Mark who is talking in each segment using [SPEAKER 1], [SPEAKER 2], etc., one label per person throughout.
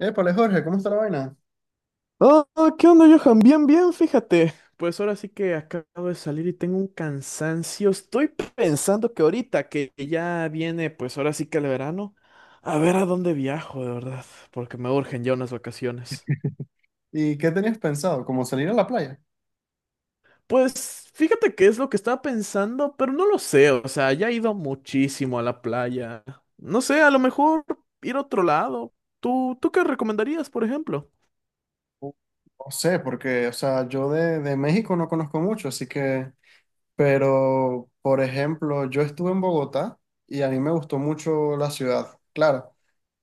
[SPEAKER 1] Épale, Jorge, ¿cómo está la vaina?
[SPEAKER 2] ¿Qué onda, Johan? Bien, bien, fíjate. Pues ahora sí que acabo de salir y tengo un cansancio. Estoy pensando que ahorita que ya viene, pues ahora sí que el verano, a ver a dónde viajo, de verdad, porque me urgen ya unas vacaciones.
[SPEAKER 1] ¿Y qué tenías pensado, como salir a la playa?
[SPEAKER 2] Pues fíjate que es lo que estaba pensando, pero no lo sé, o sea, ya he ido muchísimo a la playa. No sé, a lo mejor ir a otro lado. ¿Tú ¿qué recomendarías, por ejemplo?
[SPEAKER 1] No sé, porque, o sea, yo de México no conozco mucho, así que, pero, por ejemplo, yo estuve en Bogotá y a mí me gustó mucho la ciudad. Claro,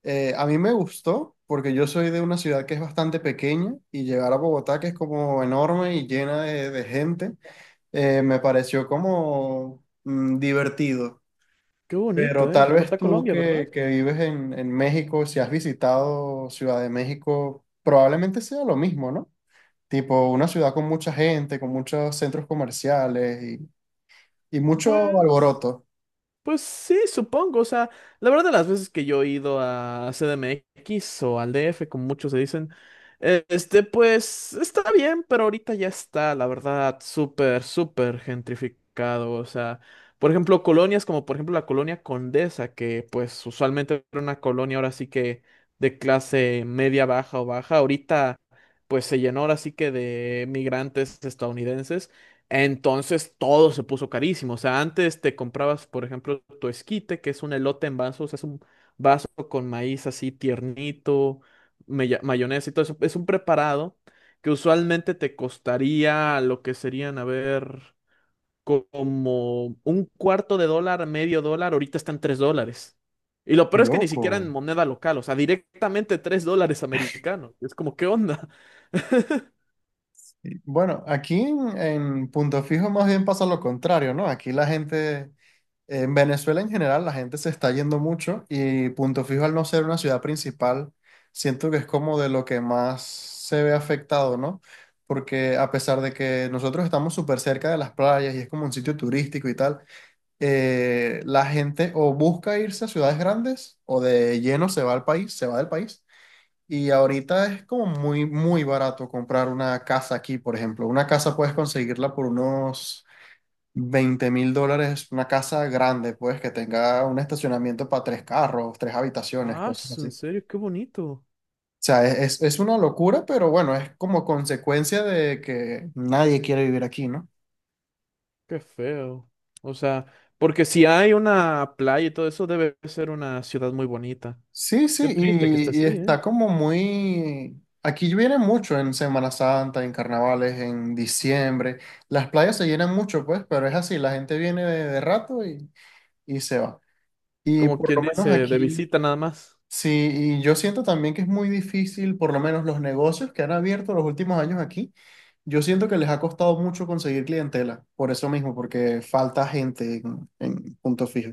[SPEAKER 1] a mí me gustó porque yo soy de una ciudad que es bastante pequeña y llegar a Bogotá, que es como enorme y llena de gente, me pareció como divertido.
[SPEAKER 2] Qué
[SPEAKER 1] Pero
[SPEAKER 2] bonito, ¿eh?
[SPEAKER 1] tal vez
[SPEAKER 2] Bogotá,
[SPEAKER 1] tú
[SPEAKER 2] Colombia, ¿verdad?
[SPEAKER 1] que vives en México, si has visitado Ciudad de México, probablemente sea lo mismo, ¿no? Tipo una ciudad con mucha gente, con muchos centros comerciales y mucho
[SPEAKER 2] Pues...
[SPEAKER 1] alboroto.
[SPEAKER 2] Pues sí, supongo. O sea, la verdad, las veces que yo he ido a CDMX o al DF, como muchos se dicen, pues está bien, pero ahorita ya está, la verdad, súper, súper gentrificado. O sea, por ejemplo, colonias como, por ejemplo, la colonia Condesa, que pues usualmente era una colonia ahora sí que de clase media, baja o baja, ahorita pues se llenó ahora sí que de migrantes estadounidenses. Entonces todo se puso carísimo. O sea, antes te comprabas, por ejemplo, tu esquite, que es un elote en vaso, o sea, es un vaso con maíz así tiernito, mayonesa y todo eso. Es un preparado que usualmente te costaría lo que serían, a ver, como un cuarto de dólar, medio dólar. Ahorita están tres dólares. Y lo
[SPEAKER 1] Qué
[SPEAKER 2] peor es que ni siquiera en
[SPEAKER 1] loco.
[SPEAKER 2] moneda local, o sea, directamente tres dólares americanos. Es como, ¿qué onda?
[SPEAKER 1] Bueno, aquí en Punto Fijo más bien pasa lo contrario, ¿no? Aquí la gente, en Venezuela en general la gente se está yendo mucho y Punto Fijo, al no ser una ciudad principal, siento que es como de lo que más se ve afectado, ¿no? Porque a pesar de que nosotros estamos súper cerca de las playas y es como un sitio turístico y tal, la gente o busca irse a ciudades grandes o de lleno se va al país, se va del país. Y ahorita es como muy, muy barato comprar una casa aquí, por ejemplo. Una casa puedes conseguirla por unos $20.000, una casa grande, pues, que tenga un estacionamiento para 3 carros, 3 habitaciones,
[SPEAKER 2] Ah,
[SPEAKER 1] cosas así.
[SPEAKER 2] en
[SPEAKER 1] O
[SPEAKER 2] serio, qué bonito.
[SPEAKER 1] sea, es una locura, pero bueno, es como consecuencia de que nadie quiere vivir aquí, ¿no?
[SPEAKER 2] Qué feo. O sea, porque si hay una playa y todo eso, debe ser una ciudad muy bonita.
[SPEAKER 1] Sí,
[SPEAKER 2] Qué
[SPEAKER 1] sí,
[SPEAKER 2] triste que esté
[SPEAKER 1] y
[SPEAKER 2] así, ¿eh?
[SPEAKER 1] está como muy... Aquí viene mucho en Semana Santa, en carnavales, en diciembre. Las playas se llenan mucho, pues, pero es así, la gente viene de rato y se va. Y
[SPEAKER 2] Como
[SPEAKER 1] por
[SPEAKER 2] quien
[SPEAKER 1] lo menos
[SPEAKER 2] dice, de
[SPEAKER 1] aquí...
[SPEAKER 2] visita nada más.
[SPEAKER 1] Sí, y yo siento también que es muy difícil, por lo menos los negocios que han abierto los últimos años aquí, yo siento que les ha costado mucho conseguir clientela, por eso mismo, porque falta gente en Punto Fijo.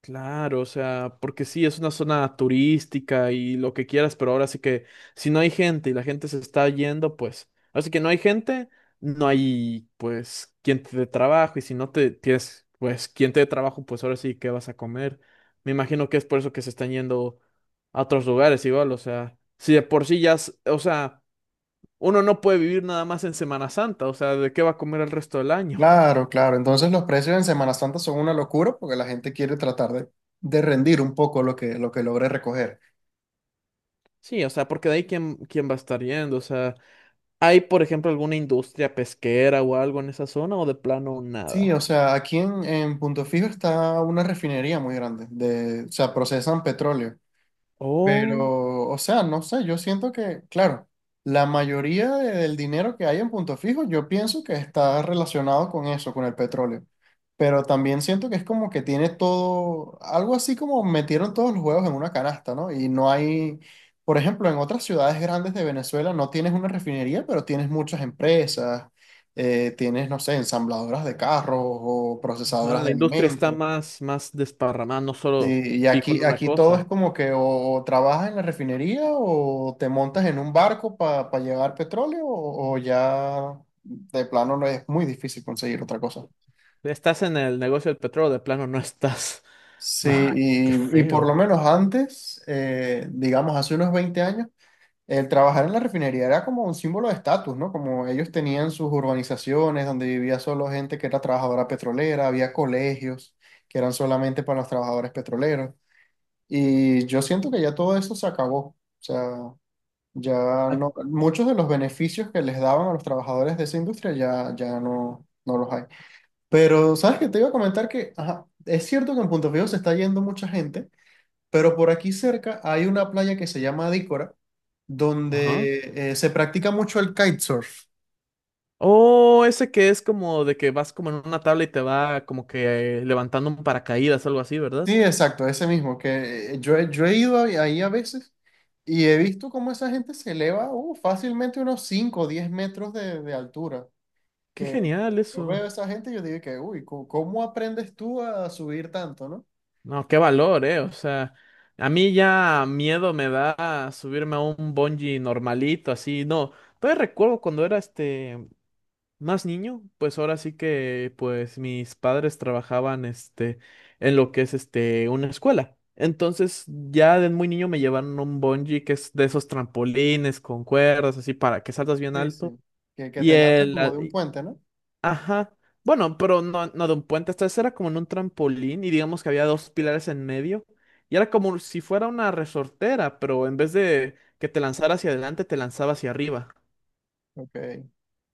[SPEAKER 2] Claro, o sea, porque sí, es una zona turística y lo que quieras, pero ahora sí que si no hay gente y la gente se está yendo, pues, así que no hay gente, no hay, pues, quien te dé trabajo y si no te tienes, pues, quien te dé trabajo, pues ahora sí, ¿qué vas a comer? Me imagino que es por eso que se están yendo a otros lugares igual, o sea, si de por sí ya, o sea, uno no puede vivir nada más en Semana Santa, o sea, ¿de qué va a comer el resto del año?
[SPEAKER 1] Claro, claro, entonces los precios en Semana Santa son una locura porque la gente quiere tratar de rendir un poco lo que logre recoger.
[SPEAKER 2] Sí, o sea, porque de ahí quién, quién va a estar yendo, o sea. ¿Hay, por ejemplo, alguna industria pesquera o algo en esa zona o de plano
[SPEAKER 1] Sí, o
[SPEAKER 2] nada?
[SPEAKER 1] sea, aquí en Punto Fijo está una refinería muy grande, de, o sea, procesan petróleo.
[SPEAKER 2] Oh,
[SPEAKER 1] Pero, o sea, no sé, yo siento que, claro, la mayoría de- del dinero que hay en Punto Fijo, yo pienso que está relacionado con eso, con el petróleo. Pero también siento que es como que tiene todo, algo así como metieron todos los huevos en una canasta, ¿no? Y no hay, por ejemplo, en otras ciudades grandes de Venezuela no tienes una refinería, pero tienes muchas empresas, tienes, no sé, ensambladoras de carros o
[SPEAKER 2] ah,
[SPEAKER 1] procesadoras
[SPEAKER 2] la
[SPEAKER 1] de
[SPEAKER 2] industria está
[SPEAKER 1] alimentos.
[SPEAKER 2] más, más desparramada, no solo
[SPEAKER 1] Sí, y
[SPEAKER 2] fijo en
[SPEAKER 1] aquí,
[SPEAKER 2] una
[SPEAKER 1] aquí todo es
[SPEAKER 2] cosa.
[SPEAKER 1] como que o trabajas en la refinería o te montas en un barco para llevar petróleo o ya de plano no es muy difícil conseguir otra cosa.
[SPEAKER 2] Estás en el negocio del petróleo, de plano no estás.
[SPEAKER 1] Sí,
[SPEAKER 2] No, qué
[SPEAKER 1] y por lo
[SPEAKER 2] feo.
[SPEAKER 1] menos antes, digamos hace unos 20 años, el trabajar en la refinería era como un símbolo de estatus, ¿no? Como ellos tenían sus urbanizaciones donde vivía solo gente que era trabajadora petrolera, había colegios que eran solamente para los trabajadores petroleros. Y yo siento que ya todo eso se acabó. O sea, ya
[SPEAKER 2] Ah,
[SPEAKER 1] no, muchos de los beneficios que les daban a los trabajadores de esa industria ya, ya no, no los hay. Pero, ¿sabes qué? Te iba a comentar que, ajá, es cierto que en Punto Fijo se está yendo mucha gente, pero por aquí cerca hay una playa que se llama Adícora,
[SPEAKER 2] ajá.
[SPEAKER 1] donde se practica mucho el kitesurf.
[SPEAKER 2] Oh, ese que es como de que vas como en una tabla y te va como que levantando un paracaídas, algo así, ¿verdad?
[SPEAKER 1] Sí, exacto, ese mismo, que yo he ido ahí a veces y he visto cómo esa gente se eleva fácilmente unos 5 o 10 metros de altura.
[SPEAKER 2] Qué
[SPEAKER 1] Que
[SPEAKER 2] genial
[SPEAKER 1] yo
[SPEAKER 2] eso.
[SPEAKER 1] veo a esa gente y yo digo que, uy, co- ¿cómo aprendes tú a subir tanto, no?
[SPEAKER 2] No, qué valor, eh. O sea, a mí ya miedo me da subirme a un bungee normalito, así. No, todavía recuerdo cuando era más niño, pues ahora sí que pues mis padres trabajaban en lo que es una escuela. Entonces, ya de muy niño me llevaron a un bungee que es de esos trampolines con cuerdas, así para que saltas bien
[SPEAKER 1] Sí, sí.
[SPEAKER 2] alto.
[SPEAKER 1] ¿Que, que
[SPEAKER 2] Y
[SPEAKER 1] te lanzan
[SPEAKER 2] el,
[SPEAKER 1] como de un puente, no?
[SPEAKER 2] ajá. Bueno, pero no, no de un puente. Esta vez era como en un trampolín y digamos que había dos pilares en medio. Y era como si fuera una resortera, pero en vez de que te lanzara hacia adelante, te lanzaba hacia arriba.
[SPEAKER 1] Ok.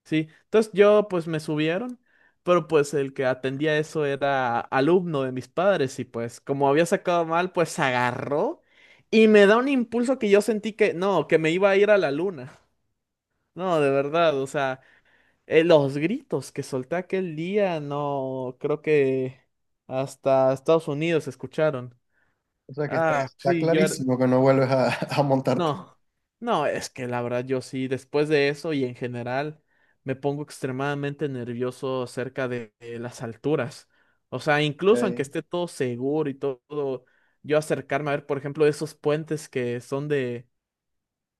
[SPEAKER 2] Sí. Entonces yo pues me subieron, pero pues el que atendía eso era alumno de mis padres y pues como había sacado mal, pues agarró y me da un impulso que yo sentí que no, que me iba a ir a la luna. No, de verdad, o sea. Los gritos que solté aquel día, no, creo que hasta Estados Unidos se escucharon.
[SPEAKER 1] O sea que está,
[SPEAKER 2] Ah,
[SPEAKER 1] está
[SPEAKER 2] sí, yo era-
[SPEAKER 1] clarísimo que no vuelves a, a montarte.
[SPEAKER 2] No, no, es que la verdad yo sí, después de eso y en general, me pongo extremadamente nervioso acerca de las alturas. O sea, incluso aunque
[SPEAKER 1] Ok.
[SPEAKER 2] esté todo seguro y todo, yo acercarme a ver, por ejemplo, esos puentes que son de,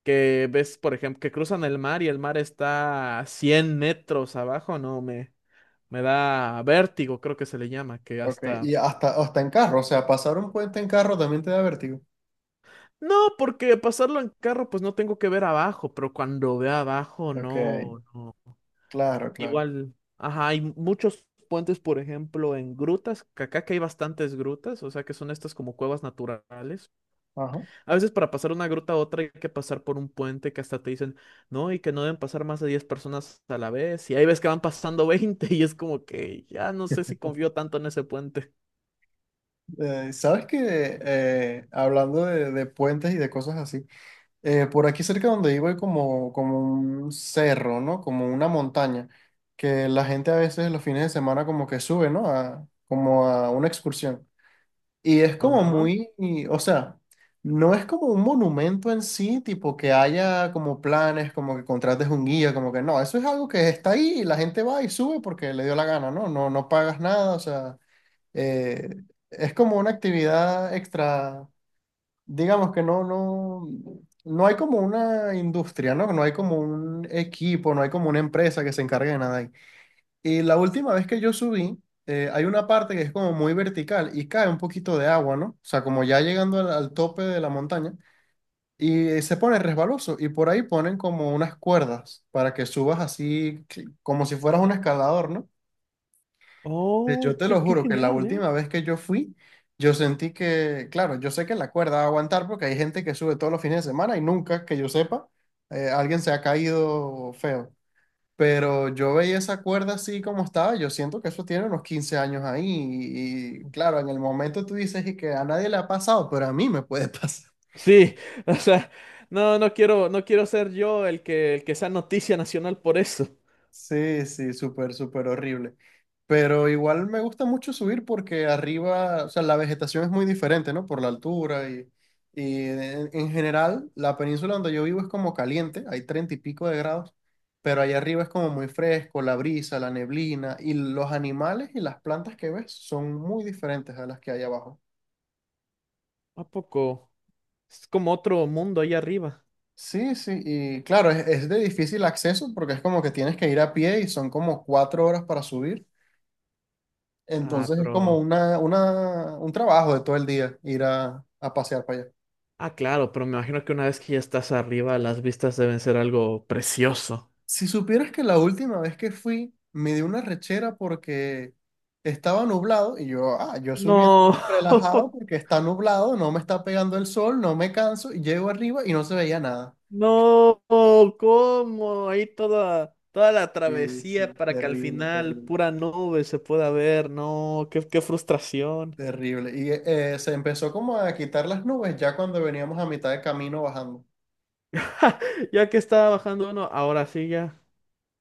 [SPEAKER 2] que ves, por ejemplo, que cruzan el mar y el mar está a 100 metros abajo, no, me... Me da vértigo, creo que se le llama, que
[SPEAKER 1] Ok.
[SPEAKER 2] hasta...
[SPEAKER 1] Y hasta, hasta en carro, o sea, pasar un puente en carro también te da vértigo.
[SPEAKER 2] No, porque pasarlo en carro, pues no tengo que ver abajo, pero cuando ve abajo,
[SPEAKER 1] Ok.
[SPEAKER 2] no, no.
[SPEAKER 1] Claro, claro.
[SPEAKER 2] Igual, ajá, hay muchos puentes, por ejemplo, en grutas, que acá que hay bastantes grutas, o sea que son estas como cuevas naturales.
[SPEAKER 1] Ajá.
[SPEAKER 2] A veces para pasar una gruta a otra hay que pasar por un puente que hasta te dicen, no, y que no deben pasar más de 10 personas a la vez, y ahí ves que van pasando 20 y es como que ya no sé si confío tanto en ese puente.
[SPEAKER 1] ¿Sabes que hablando de puentes y de cosas así, por aquí cerca donde vivo hay como, como un cerro, ¿no? Como una montaña, que la gente a veces los fines de semana como que sube, ¿no? A, como a una excursión. Y es como
[SPEAKER 2] Ajá.
[SPEAKER 1] muy, y, o sea, no es como un monumento en sí, tipo que haya como planes, como que contrates un guía, como que no, eso es algo que está ahí y la gente va y sube porque le dio la gana, ¿no? No, no pagas nada, o sea, eh, es como una actividad extra, digamos que no, no, no hay como una industria, ¿no? No hay como un equipo, no hay como una empresa que se encargue de nada ahí. Y la última vez que yo subí, hay una parte que es como muy vertical y cae un poquito de agua, ¿no? O sea, como ya llegando al tope de la montaña y se pone resbaloso y por ahí ponen como unas cuerdas para que subas así que- como si fueras un escalador, ¿no? Pues, yo
[SPEAKER 2] Oh,
[SPEAKER 1] te
[SPEAKER 2] qué,
[SPEAKER 1] lo
[SPEAKER 2] qué
[SPEAKER 1] juro que la
[SPEAKER 2] genial.
[SPEAKER 1] última vez que yo fui, yo sentí que, claro, yo sé que la cuerda va a aguantar porque hay gente que sube todos los fines de semana y nunca, que yo sepa, alguien se ha caído feo. Pero yo veía esa cuerda así como estaba, yo siento que eso tiene unos 15 años ahí y, claro, en el momento tú dices y que a nadie le ha pasado, pero a mí me puede pasar.
[SPEAKER 2] Sí, o sea, no, no quiero, no quiero ser yo el que sea noticia nacional por eso.
[SPEAKER 1] Sí, sí, súper, súper horrible. Pero igual me gusta mucho subir porque arriba, o sea, la vegetación es muy diferente, ¿no? Por la altura y en general la península donde yo vivo es como caliente, hay 30 y pico de grados, pero allá arriba es como muy fresco, la brisa, la neblina y los animales y las plantas que ves son muy diferentes a las que hay abajo.
[SPEAKER 2] ¿A poco? Es como otro mundo ahí arriba.
[SPEAKER 1] Sí, sí, y claro, es de difícil acceso porque es como que tienes que ir a pie y son como 4 horas para subir.
[SPEAKER 2] Ah,
[SPEAKER 1] Entonces es como
[SPEAKER 2] pero,
[SPEAKER 1] una, un trabajo de todo el día ir a pasear para allá.
[SPEAKER 2] ah, claro, pero me imagino que una vez que ya estás arriba, las vistas deben ser algo precioso.
[SPEAKER 1] Si supieras que la última vez que fui me dio una rechera porque estaba nublado y yo, ah, yo subiendo
[SPEAKER 2] No,
[SPEAKER 1] relajado porque está nublado, no me está pegando el sol, no me canso y llego arriba y no se veía nada.
[SPEAKER 2] no, ¿cómo? Ahí toda, toda la
[SPEAKER 1] Sí,
[SPEAKER 2] travesía
[SPEAKER 1] sí,
[SPEAKER 2] para que al
[SPEAKER 1] terrible,
[SPEAKER 2] final
[SPEAKER 1] terrible,
[SPEAKER 2] pura nube se pueda ver. No, qué, qué frustración.
[SPEAKER 1] terrible. Y se empezó como a quitar las nubes ya cuando veníamos a mitad de camino bajando.
[SPEAKER 2] Ya que estaba bajando uno, ahora sí ya.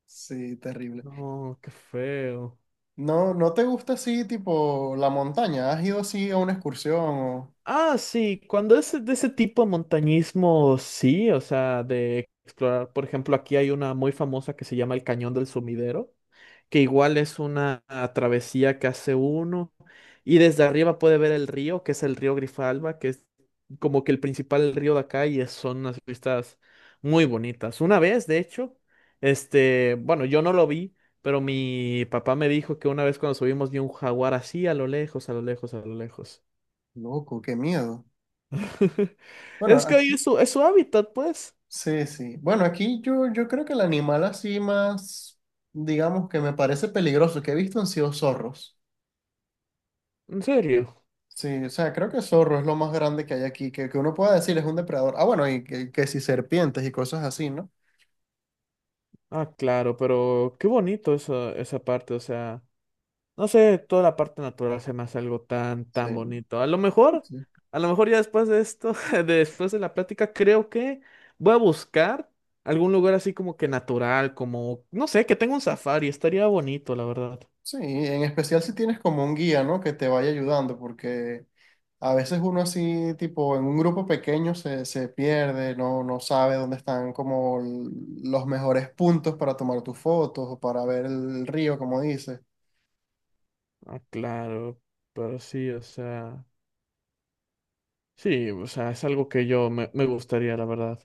[SPEAKER 1] Sí, terrible.
[SPEAKER 2] No, qué feo.
[SPEAKER 1] No, ¿no te gusta así, tipo, la montaña? ¿Has ido así a una excursión? O...
[SPEAKER 2] Ah, sí, cuando es de ese tipo de montañismo, sí, o sea, de explorar, por ejemplo, aquí hay una muy famosa que se llama el Cañón del Sumidero, que igual es una travesía que hace uno y desde arriba puede ver el río, que es el río Grijalva, que es como que el principal río de acá y son unas vistas muy bonitas. Una vez, de hecho, yo no lo vi, pero mi papá me dijo que una vez cuando subimos vi un jaguar así a lo lejos, a lo lejos, a lo lejos.
[SPEAKER 1] Loco, qué miedo. Bueno,
[SPEAKER 2] Es que ahí
[SPEAKER 1] aquí,
[SPEAKER 2] es su hábitat, pues.
[SPEAKER 1] sí, sí. Bueno, aquí yo, yo creo que el animal así más, digamos, que me parece peligroso que he visto han sido zorros.
[SPEAKER 2] En serio.
[SPEAKER 1] Sí, o sea, creo que zorro es lo más grande que hay aquí, que uno pueda decir es un depredador. Ah, bueno, y que si serpientes y cosas así, ¿no?
[SPEAKER 2] Ah, claro, pero qué bonito eso, esa parte. O sea, no sé, toda la parte natural se me hace algo tan,
[SPEAKER 1] Sí,
[SPEAKER 2] tan bonito.
[SPEAKER 1] sí. Sí.
[SPEAKER 2] A lo mejor ya después de esto, después de la plática, creo que voy a buscar algún lugar así como que natural, como, no sé, que tenga un safari. Estaría bonito, la verdad.
[SPEAKER 1] Sí, en especial si tienes como un guía, ¿no? Que te vaya ayudando, porque a veces uno así, tipo, en un grupo pequeño se, se pierde, no, no sabe dónde están como l- los mejores puntos para tomar tus fotos o para ver el río, como dices.
[SPEAKER 2] Ah, claro, pero sí, o sea, es algo que yo me, me gustaría, la verdad.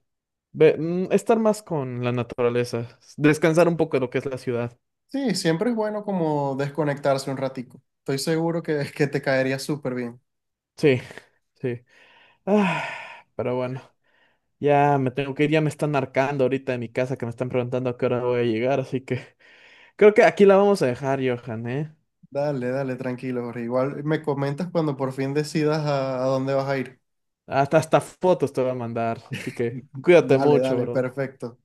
[SPEAKER 2] Estar más con la naturaleza, descansar un poco de lo que es la ciudad.
[SPEAKER 1] Sí, siempre es bueno como desconectarse un ratico. Estoy seguro que te caería súper bien.
[SPEAKER 2] Sí, sí. Ah, pero bueno, ya me tengo que ir, ya me están marcando ahorita en mi casa que me están preguntando a qué hora voy a llegar, así que creo que aquí la vamos a dejar, Johan, ¿eh?
[SPEAKER 1] Dale, dale, tranquilo, Jorge. Igual me comentas cuando por fin decidas a dónde vas a ir.
[SPEAKER 2] Hasta, hasta fotos te voy a mandar, así que cuídate
[SPEAKER 1] Dale,
[SPEAKER 2] mucho,
[SPEAKER 1] dale,
[SPEAKER 2] bro.
[SPEAKER 1] perfecto.